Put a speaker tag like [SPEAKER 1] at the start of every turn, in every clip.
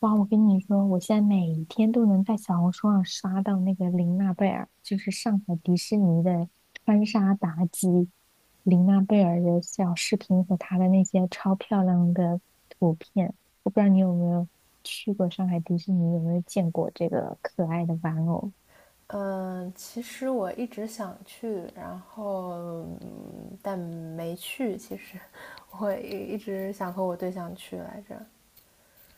[SPEAKER 1] 哇，我跟你说，我现在每一天都能在小红书上刷到那个玲娜贝儿，就是上海迪士尼的穿沙妲己，玲娜贝儿的小视频和她的那些超漂亮的图片。我不知道你有没有去过上海迪士尼，有没有见过这个可爱的玩偶？
[SPEAKER 2] 嗯，其实我一直想去，然后但没去。其实我一直想和我对象去来着。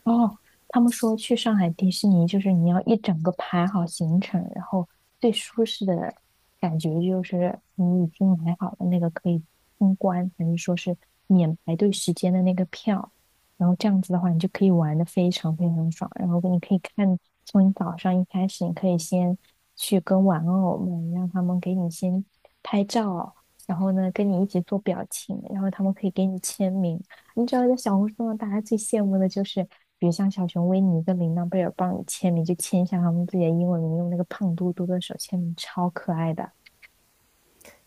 [SPEAKER 1] 哦，他们说去上海迪士尼，就是你要一整个排好行程，然后最舒适的感觉就是你已经买好了那个可以通关，还是说是免排队时间的那个票，然后这样子的话，你就可以玩的非常非常爽。然后你可以看，从你早上一开始，你可以先去跟玩偶们，让他们给你先拍照，然后呢跟你一起做表情，然后他们可以给你签名。你知道，在小红书上，大家最羡慕的就是，比如像小熊维尼跟琳娜贝尔帮你签名，就签一下他们自己的英文名，用那个胖嘟嘟的手签名，超可爱的。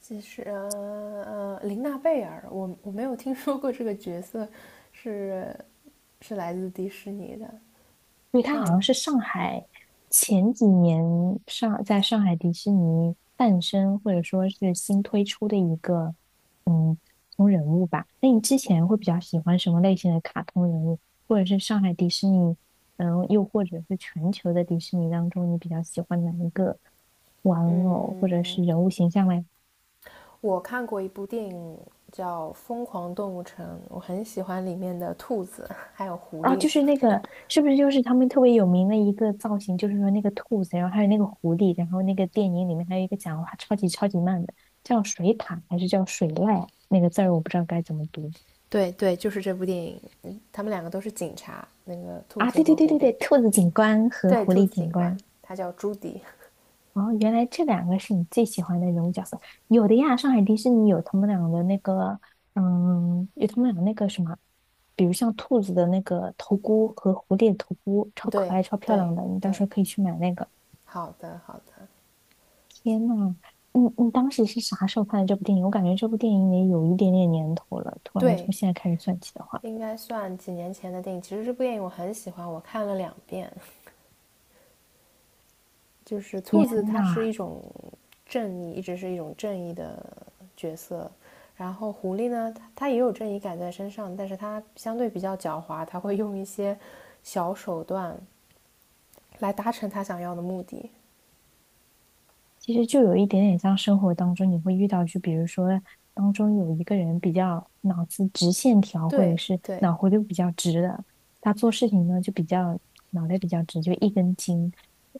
[SPEAKER 2] 其实琳娜贝尔，我没有听说过这个角色是是来自迪士尼的，
[SPEAKER 1] 对，它
[SPEAKER 2] 但
[SPEAKER 1] 好像
[SPEAKER 2] 我
[SPEAKER 1] 是上海前几年上在上海迪士尼诞生，或者说是新推出的一个卡通人物吧。那你之前会比较喜欢什么类型的卡通人物，或者是上海迪士尼，又或者是全球的迪士尼当中，你比较喜欢哪一个玩偶或者
[SPEAKER 2] 嗯，
[SPEAKER 1] 是人物形象嘞？
[SPEAKER 2] 看过一部电影叫《疯狂动物城》，我很喜欢里面的兔子还有狐
[SPEAKER 1] 啊，
[SPEAKER 2] 狸。
[SPEAKER 1] 就是那个，是不是就是他们特别有名的一个造型？就是说那个兔子，然后还有那个狐狸，然后那个电影里面还有一个讲话超级超级慢的，叫水獭还是叫水濑？那个字儿我不知道该怎么读
[SPEAKER 2] 对对，就是这部电影，他们两个都是警察，那个兔
[SPEAKER 1] 啊！
[SPEAKER 2] 子
[SPEAKER 1] 对对
[SPEAKER 2] 和
[SPEAKER 1] 对
[SPEAKER 2] 狐
[SPEAKER 1] 对
[SPEAKER 2] 狸。
[SPEAKER 1] 对，兔子警官和
[SPEAKER 2] 对，
[SPEAKER 1] 狐
[SPEAKER 2] 兔
[SPEAKER 1] 狸
[SPEAKER 2] 子
[SPEAKER 1] 警
[SPEAKER 2] 警官，
[SPEAKER 1] 官。
[SPEAKER 2] 他叫朱迪。
[SPEAKER 1] 哦，原来这两个是你最喜欢的人物角色。有的呀，上海迪士尼有他们俩的那个，有他们俩那个什么，比如像兔子的那个头箍和狐狸的头箍，超可
[SPEAKER 2] 对
[SPEAKER 1] 爱、超漂
[SPEAKER 2] 对
[SPEAKER 1] 亮的，你到时
[SPEAKER 2] 对，
[SPEAKER 1] 候可以去买那个。
[SPEAKER 2] 好的好的，
[SPEAKER 1] 天呐，你当时是啥时候看的这部电影？我感觉这部电影也有一点点年头了。突然
[SPEAKER 2] 对，
[SPEAKER 1] 从现在开始算起的话，
[SPEAKER 2] 应该算几年前的电影。其实这部电影我很喜欢，我看了2遍。就是兔
[SPEAKER 1] 天
[SPEAKER 2] 子，它是
[SPEAKER 1] 呐，
[SPEAKER 2] 一种正义，一直是一种正义的角色。然后狐狸呢，它也有正义感在身上，但是它相对比较狡猾，它会用一些小手段来达成它想要的目的。
[SPEAKER 1] 其实就有一点点像生活当中你会遇到，就比如说当中有一个人比较脑子直线条，或者
[SPEAKER 2] 对
[SPEAKER 1] 是
[SPEAKER 2] 对
[SPEAKER 1] 脑回路比较直的，他做事情呢就比较脑袋比较直，就一根筋。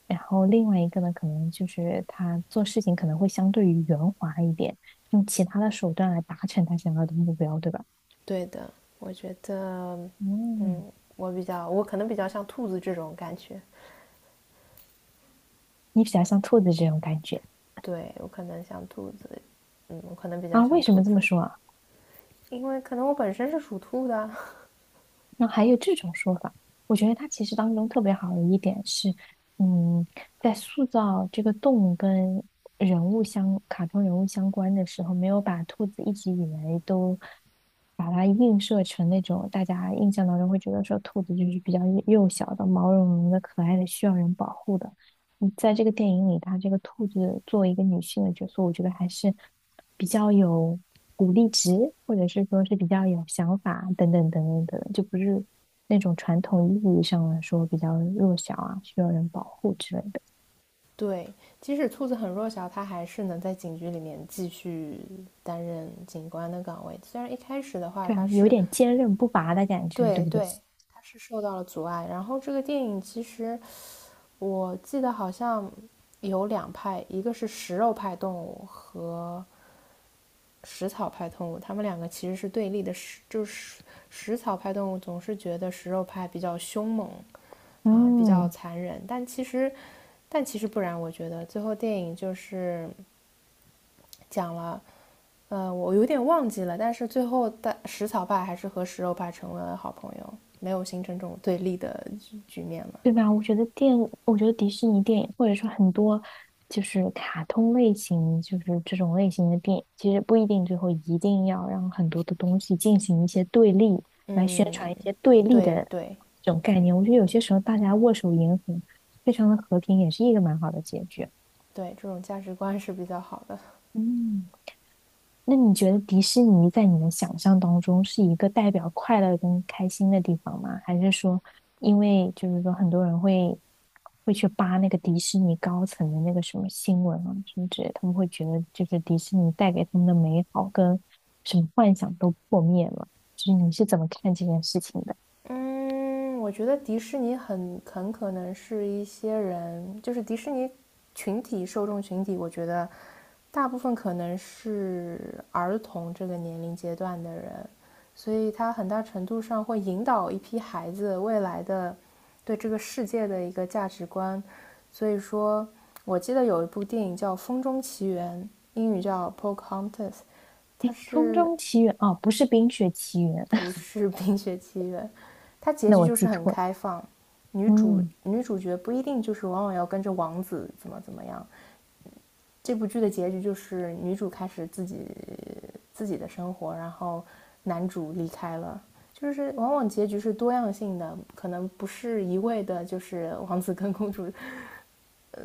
[SPEAKER 1] 然后另外一个呢，可能就是他做事情可能会相对于圆滑一点，用其他的手段来达成他想要的目标，对吧？
[SPEAKER 2] 对的，我觉得
[SPEAKER 1] 嗯。
[SPEAKER 2] 我比较，我可能比较像兔子这种感觉。
[SPEAKER 1] 你比较像兔子这种感觉
[SPEAKER 2] 对，我可能像兔子，我可能比较
[SPEAKER 1] 啊？
[SPEAKER 2] 像
[SPEAKER 1] 为什
[SPEAKER 2] 兔
[SPEAKER 1] 么这么
[SPEAKER 2] 子，
[SPEAKER 1] 说啊？
[SPEAKER 2] 因为可能我本身是属兔的。
[SPEAKER 1] 那还有这种说法，我觉得它其实当中特别好的一点是，嗯，在塑造这个动物跟人物相、卡通人物相关的时候，没有把兔子一直以来都把它映射成那种大家印象当中会觉得说兔子就是比较幼小的、毛茸茸的、可爱的、需要人保护的。在这个电影里，他这个兔子作为一个女性的角色，我觉得还是比较有鼓励值，或者是说是比较有想法等等等等等，就不是那种传统意义上来说比较弱小啊，需要人保护之类的，
[SPEAKER 2] 对，即使兔子很弱小，它还是能在警局里面继续担任警官的岗位。虽然一开始的话，
[SPEAKER 1] 对啊，
[SPEAKER 2] 它
[SPEAKER 1] 有
[SPEAKER 2] 是。
[SPEAKER 1] 点坚韧不拔的感觉，对
[SPEAKER 2] 对
[SPEAKER 1] 不对？
[SPEAKER 2] 对，它是受到了阻碍。然后这个电影其实我记得好像有两派，一个是食肉派动物和食草派动物，他们两个其实是对立的。就是食草派动物总是觉得食肉派比较凶猛啊，比较
[SPEAKER 1] 嗯。
[SPEAKER 2] 残忍，但其实不然。我觉得最后电影就是讲了，我有点忘记了，但是最后的食草派还是和食肉派成为了好朋友，没有形成这种对立的局面嘛。
[SPEAKER 1] 对吧？我觉得我觉得迪士尼电影，或者说很多就是卡通类型，就是这种类型的电影，其实不一定最后一定要让很多的东西进行一些对立，来宣传一些对立
[SPEAKER 2] 对
[SPEAKER 1] 的
[SPEAKER 2] 对
[SPEAKER 1] 这种概念。我觉得有些时候大家握手言和，非常的和平，也是一个蛮好的结局。
[SPEAKER 2] 对，这种价值观是比较好的。
[SPEAKER 1] 嗯。那你觉得迪士尼在你的想象当中是一个代表快乐跟开心的地方吗？还是说，因为就是说很多人会去扒那个迪士尼高层的那个什么新闻啊什么之类的他们会觉得就是迪士尼带给他们的美好跟什么幻想都破灭了。就是你是怎么看这件事情的？
[SPEAKER 2] 嗯，我觉得迪士尼很可能是一些人，就是迪士尼受众群体，我觉得大部分可能是儿童这个年龄阶段的人，所以它很大程度上会引导一批孩子未来的对这个世界的一个价值观。所以说，我记得有一部电影叫《风中奇缘》，英语叫《Pocahontas》,它
[SPEAKER 1] 诶，《风
[SPEAKER 2] 是
[SPEAKER 1] 中奇缘》哦，不是《冰雪奇缘》，
[SPEAKER 2] 不是《冰雪奇缘》，它 结
[SPEAKER 1] 那
[SPEAKER 2] 局
[SPEAKER 1] 我
[SPEAKER 2] 就
[SPEAKER 1] 记
[SPEAKER 2] 是很
[SPEAKER 1] 错了。
[SPEAKER 2] 开放，女主
[SPEAKER 1] 嗯。
[SPEAKER 2] 女主角不一定就是往往要跟着王子怎么怎么样。这部剧的结局就是女主开始自己的生活，然后男主离开了。就是往往结局是多样性的，可能不是一味的，就是王子跟公主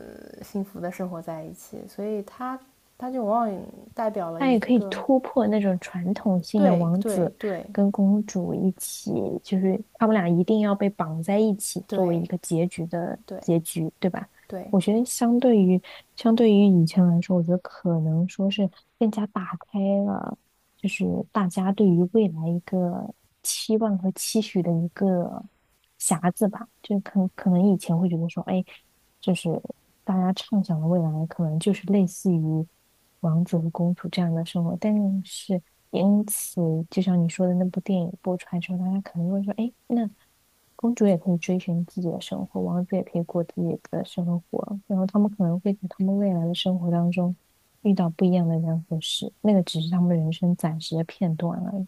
[SPEAKER 2] 幸福的生活在一起，所以它就往往代表了
[SPEAKER 1] 它
[SPEAKER 2] 一
[SPEAKER 1] 也可以
[SPEAKER 2] 个。
[SPEAKER 1] 突破那种传统性的
[SPEAKER 2] 对
[SPEAKER 1] 王
[SPEAKER 2] 对
[SPEAKER 1] 子
[SPEAKER 2] 对
[SPEAKER 1] 跟公主一起，就是他们俩一定要被绑在一起作为一
[SPEAKER 2] 对
[SPEAKER 1] 个结局的
[SPEAKER 2] 对
[SPEAKER 1] 结局，对吧？
[SPEAKER 2] 对，
[SPEAKER 1] 我觉得相对于以前来说，我觉得可能说是更加打开了，就是大家对于未来一个期望和期许的一个匣子吧。就可能以前会觉得说，哎。就是大家畅想的未来，可能就是类似于王子和公主这样的生活。但是因此，就像你说的那部电影播出来之后，大家可能会说：“哎，那公主也可以追寻自己的生活，王子也可以过自己的生活。”然后他们可能会在他们未来的生活当中遇到不一样的人和事，那个只是他们人生暂时的片段而已。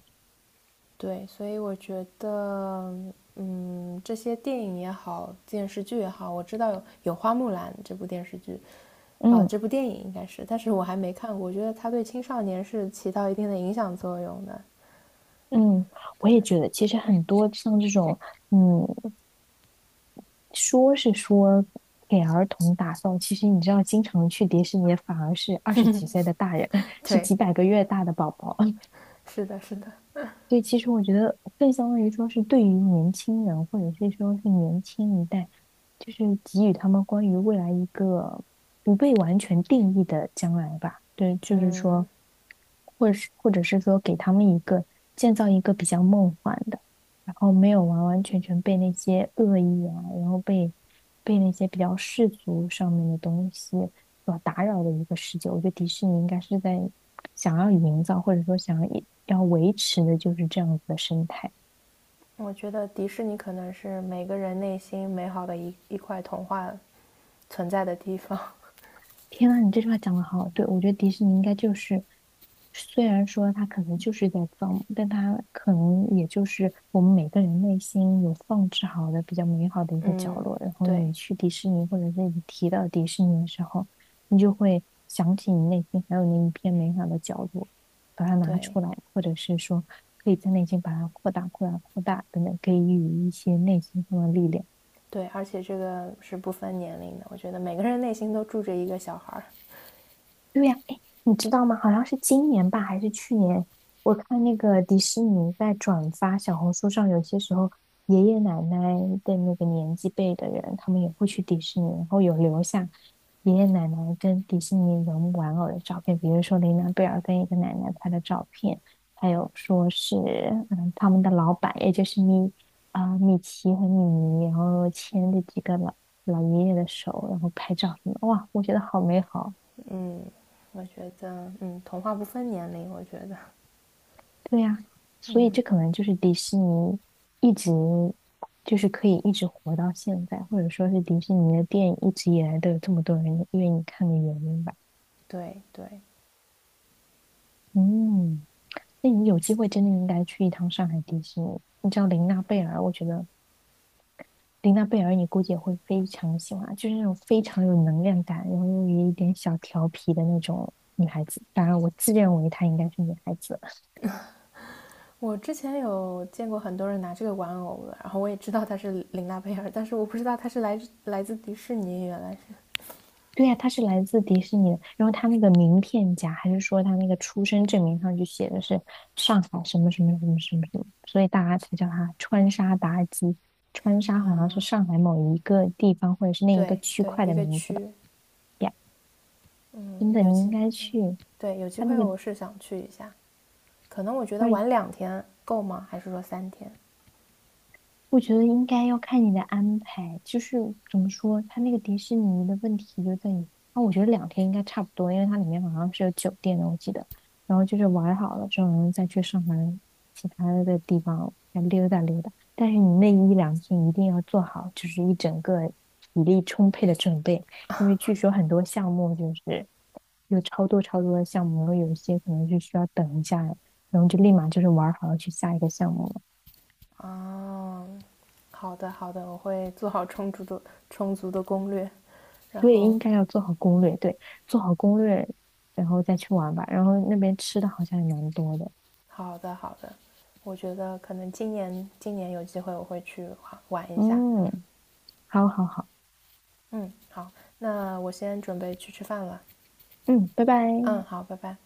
[SPEAKER 2] 对，所以我觉得，这些电影也好，电视剧也好，我知道有《花木兰》这部电视剧，啊、
[SPEAKER 1] 嗯
[SPEAKER 2] 这部电影应该是，但是我还没看过。我觉得它对青少年是起到一定的影响作用的。
[SPEAKER 1] 嗯。我也觉得，其实很多像这种，嗯，说是说给儿童打造，其实你知道，经常去迪士尼反而是二十几岁的大人，是
[SPEAKER 2] 对，
[SPEAKER 1] 几百个月大的宝宝。
[SPEAKER 2] 是的，是的，
[SPEAKER 1] 对，其实我觉得更相当于说是对于年轻人，或者是说是年轻一代，就是给予他们关于未来一个不被完全定义的将来吧。对，就是
[SPEAKER 2] 嗯，
[SPEAKER 1] 说，或者是说给他们一个建造一个比较梦幻的，然后没有完完全全被那些恶意啊，然后被那些比较世俗上面的东西。所打扰的一个世界。我觉得迪士尼应该是在想要营造，或者说想要维持的就是这样子的生态。
[SPEAKER 2] 我觉得迪士尼可能是每个人内心美好的一块童话存在的地方。
[SPEAKER 1] 天啊，你这句话讲的好，对，我觉得迪士尼应该就是，虽然说它可能就是在造梦，但它可能也就是我们每个人内心有放置好的比较美好的一个角
[SPEAKER 2] 嗯，
[SPEAKER 1] 落。然后
[SPEAKER 2] 对，
[SPEAKER 1] 你去迪士尼，或者是你提到迪士尼的时候，你就会想起你内心还有那一片美好的角落，把它拿
[SPEAKER 2] 对，
[SPEAKER 1] 出来，或者是说可以在内心把它扩大、扩大、扩大，等等，给予一些内心上的力量。
[SPEAKER 2] 对，而且这个是不分年龄的，我觉得每个人内心都住着一个小孩儿。
[SPEAKER 1] 对呀，哎，你知道吗？好像是今年吧，还是去年？我看那个迪士尼在转发小红书上，有些时候爷爷奶奶的那个年纪辈的人，他们也会去迪士尼，然后有留下爷爷奶奶跟迪士尼人玩偶的照片，比如说琳娜贝尔跟一个奶奶拍的照片，还有说是他们的老板，也就是米奇和米妮，然后牵着几个老爷爷的手，然后拍照什么的，哇，我觉得好美好。
[SPEAKER 2] 我觉得，童话不分年龄，我觉得，
[SPEAKER 1] 对呀，所以这可能就是迪士尼一直就是可以一直活到现在，或者说是迪士尼的电影一直以来都有这么多人愿意看的原因吧。
[SPEAKER 2] 对对。
[SPEAKER 1] 嗯，那你有机会真的应该去一趟上海迪士尼。你知道琳娜贝尔，我觉得琳娜贝尔你估计也会非常喜欢，就是那种非常有能量感，然后又有一点小调皮的那种女孩子。当然，我自认为她应该是女孩子。
[SPEAKER 2] 我之前有见过很多人拿这个玩偶的，然后我也知道它是琳娜贝尔，但是我不知道它是来自迪士尼，原来是，
[SPEAKER 1] 对呀、他是来自迪士尼的。然后他那个名片夹，还是说他那个出生证明上就写的是上海什么什么什么什么什么，所以大家才叫他川沙妲己。川沙好像是上海某一个地方或者是那一个
[SPEAKER 2] 对
[SPEAKER 1] 区
[SPEAKER 2] 对，
[SPEAKER 1] 块
[SPEAKER 2] 一
[SPEAKER 1] 的
[SPEAKER 2] 个
[SPEAKER 1] 名字吧。
[SPEAKER 2] 区，
[SPEAKER 1] 呀，真
[SPEAKER 2] 嗯
[SPEAKER 1] 的，
[SPEAKER 2] 有
[SPEAKER 1] 你应
[SPEAKER 2] 机，
[SPEAKER 1] 该去
[SPEAKER 2] 对，有机
[SPEAKER 1] 他那
[SPEAKER 2] 会
[SPEAKER 1] 个
[SPEAKER 2] 我是想去一下，可能我觉得
[SPEAKER 1] 二
[SPEAKER 2] 玩2天够吗？还是说3天？
[SPEAKER 1] 我觉得应该要看你的安排，就是怎么说，它那个迪士尼的问题就在于，啊，我觉得两天应该差不多，因为它里面好像是有酒店的，我记得。然后就是玩好了之后，然后再去上海其他的地方再溜达溜达。但是你那一两天一定要做好，就是一整个体力充沛的准备，因为据说很多项目就是有超多超多的项目，然后有一些可能是需要等一下，然后就立马就是玩好了去下一个项目。
[SPEAKER 2] 啊，好的好的，我会做好充足的攻略，然
[SPEAKER 1] 对，
[SPEAKER 2] 后
[SPEAKER 1] 应该要做好攻略，对，做好攻略，然后再去玩吧。然后那边吃的好像也蛮多的，
[SPEAKER 2] 好的，好的，我觉得可能今年有机会我会去玩一下。
[SPEAKER 1] 嗯，好好好，
[SPEAKER 2] 嗯，好，那我先准备去吃饭了。
[SPEAKER 1] 嗯，拜
[SPEAKER 2] 嗯，
[SPEAKER 1] 拜。
[SPEAKER 2] 好，拜拜。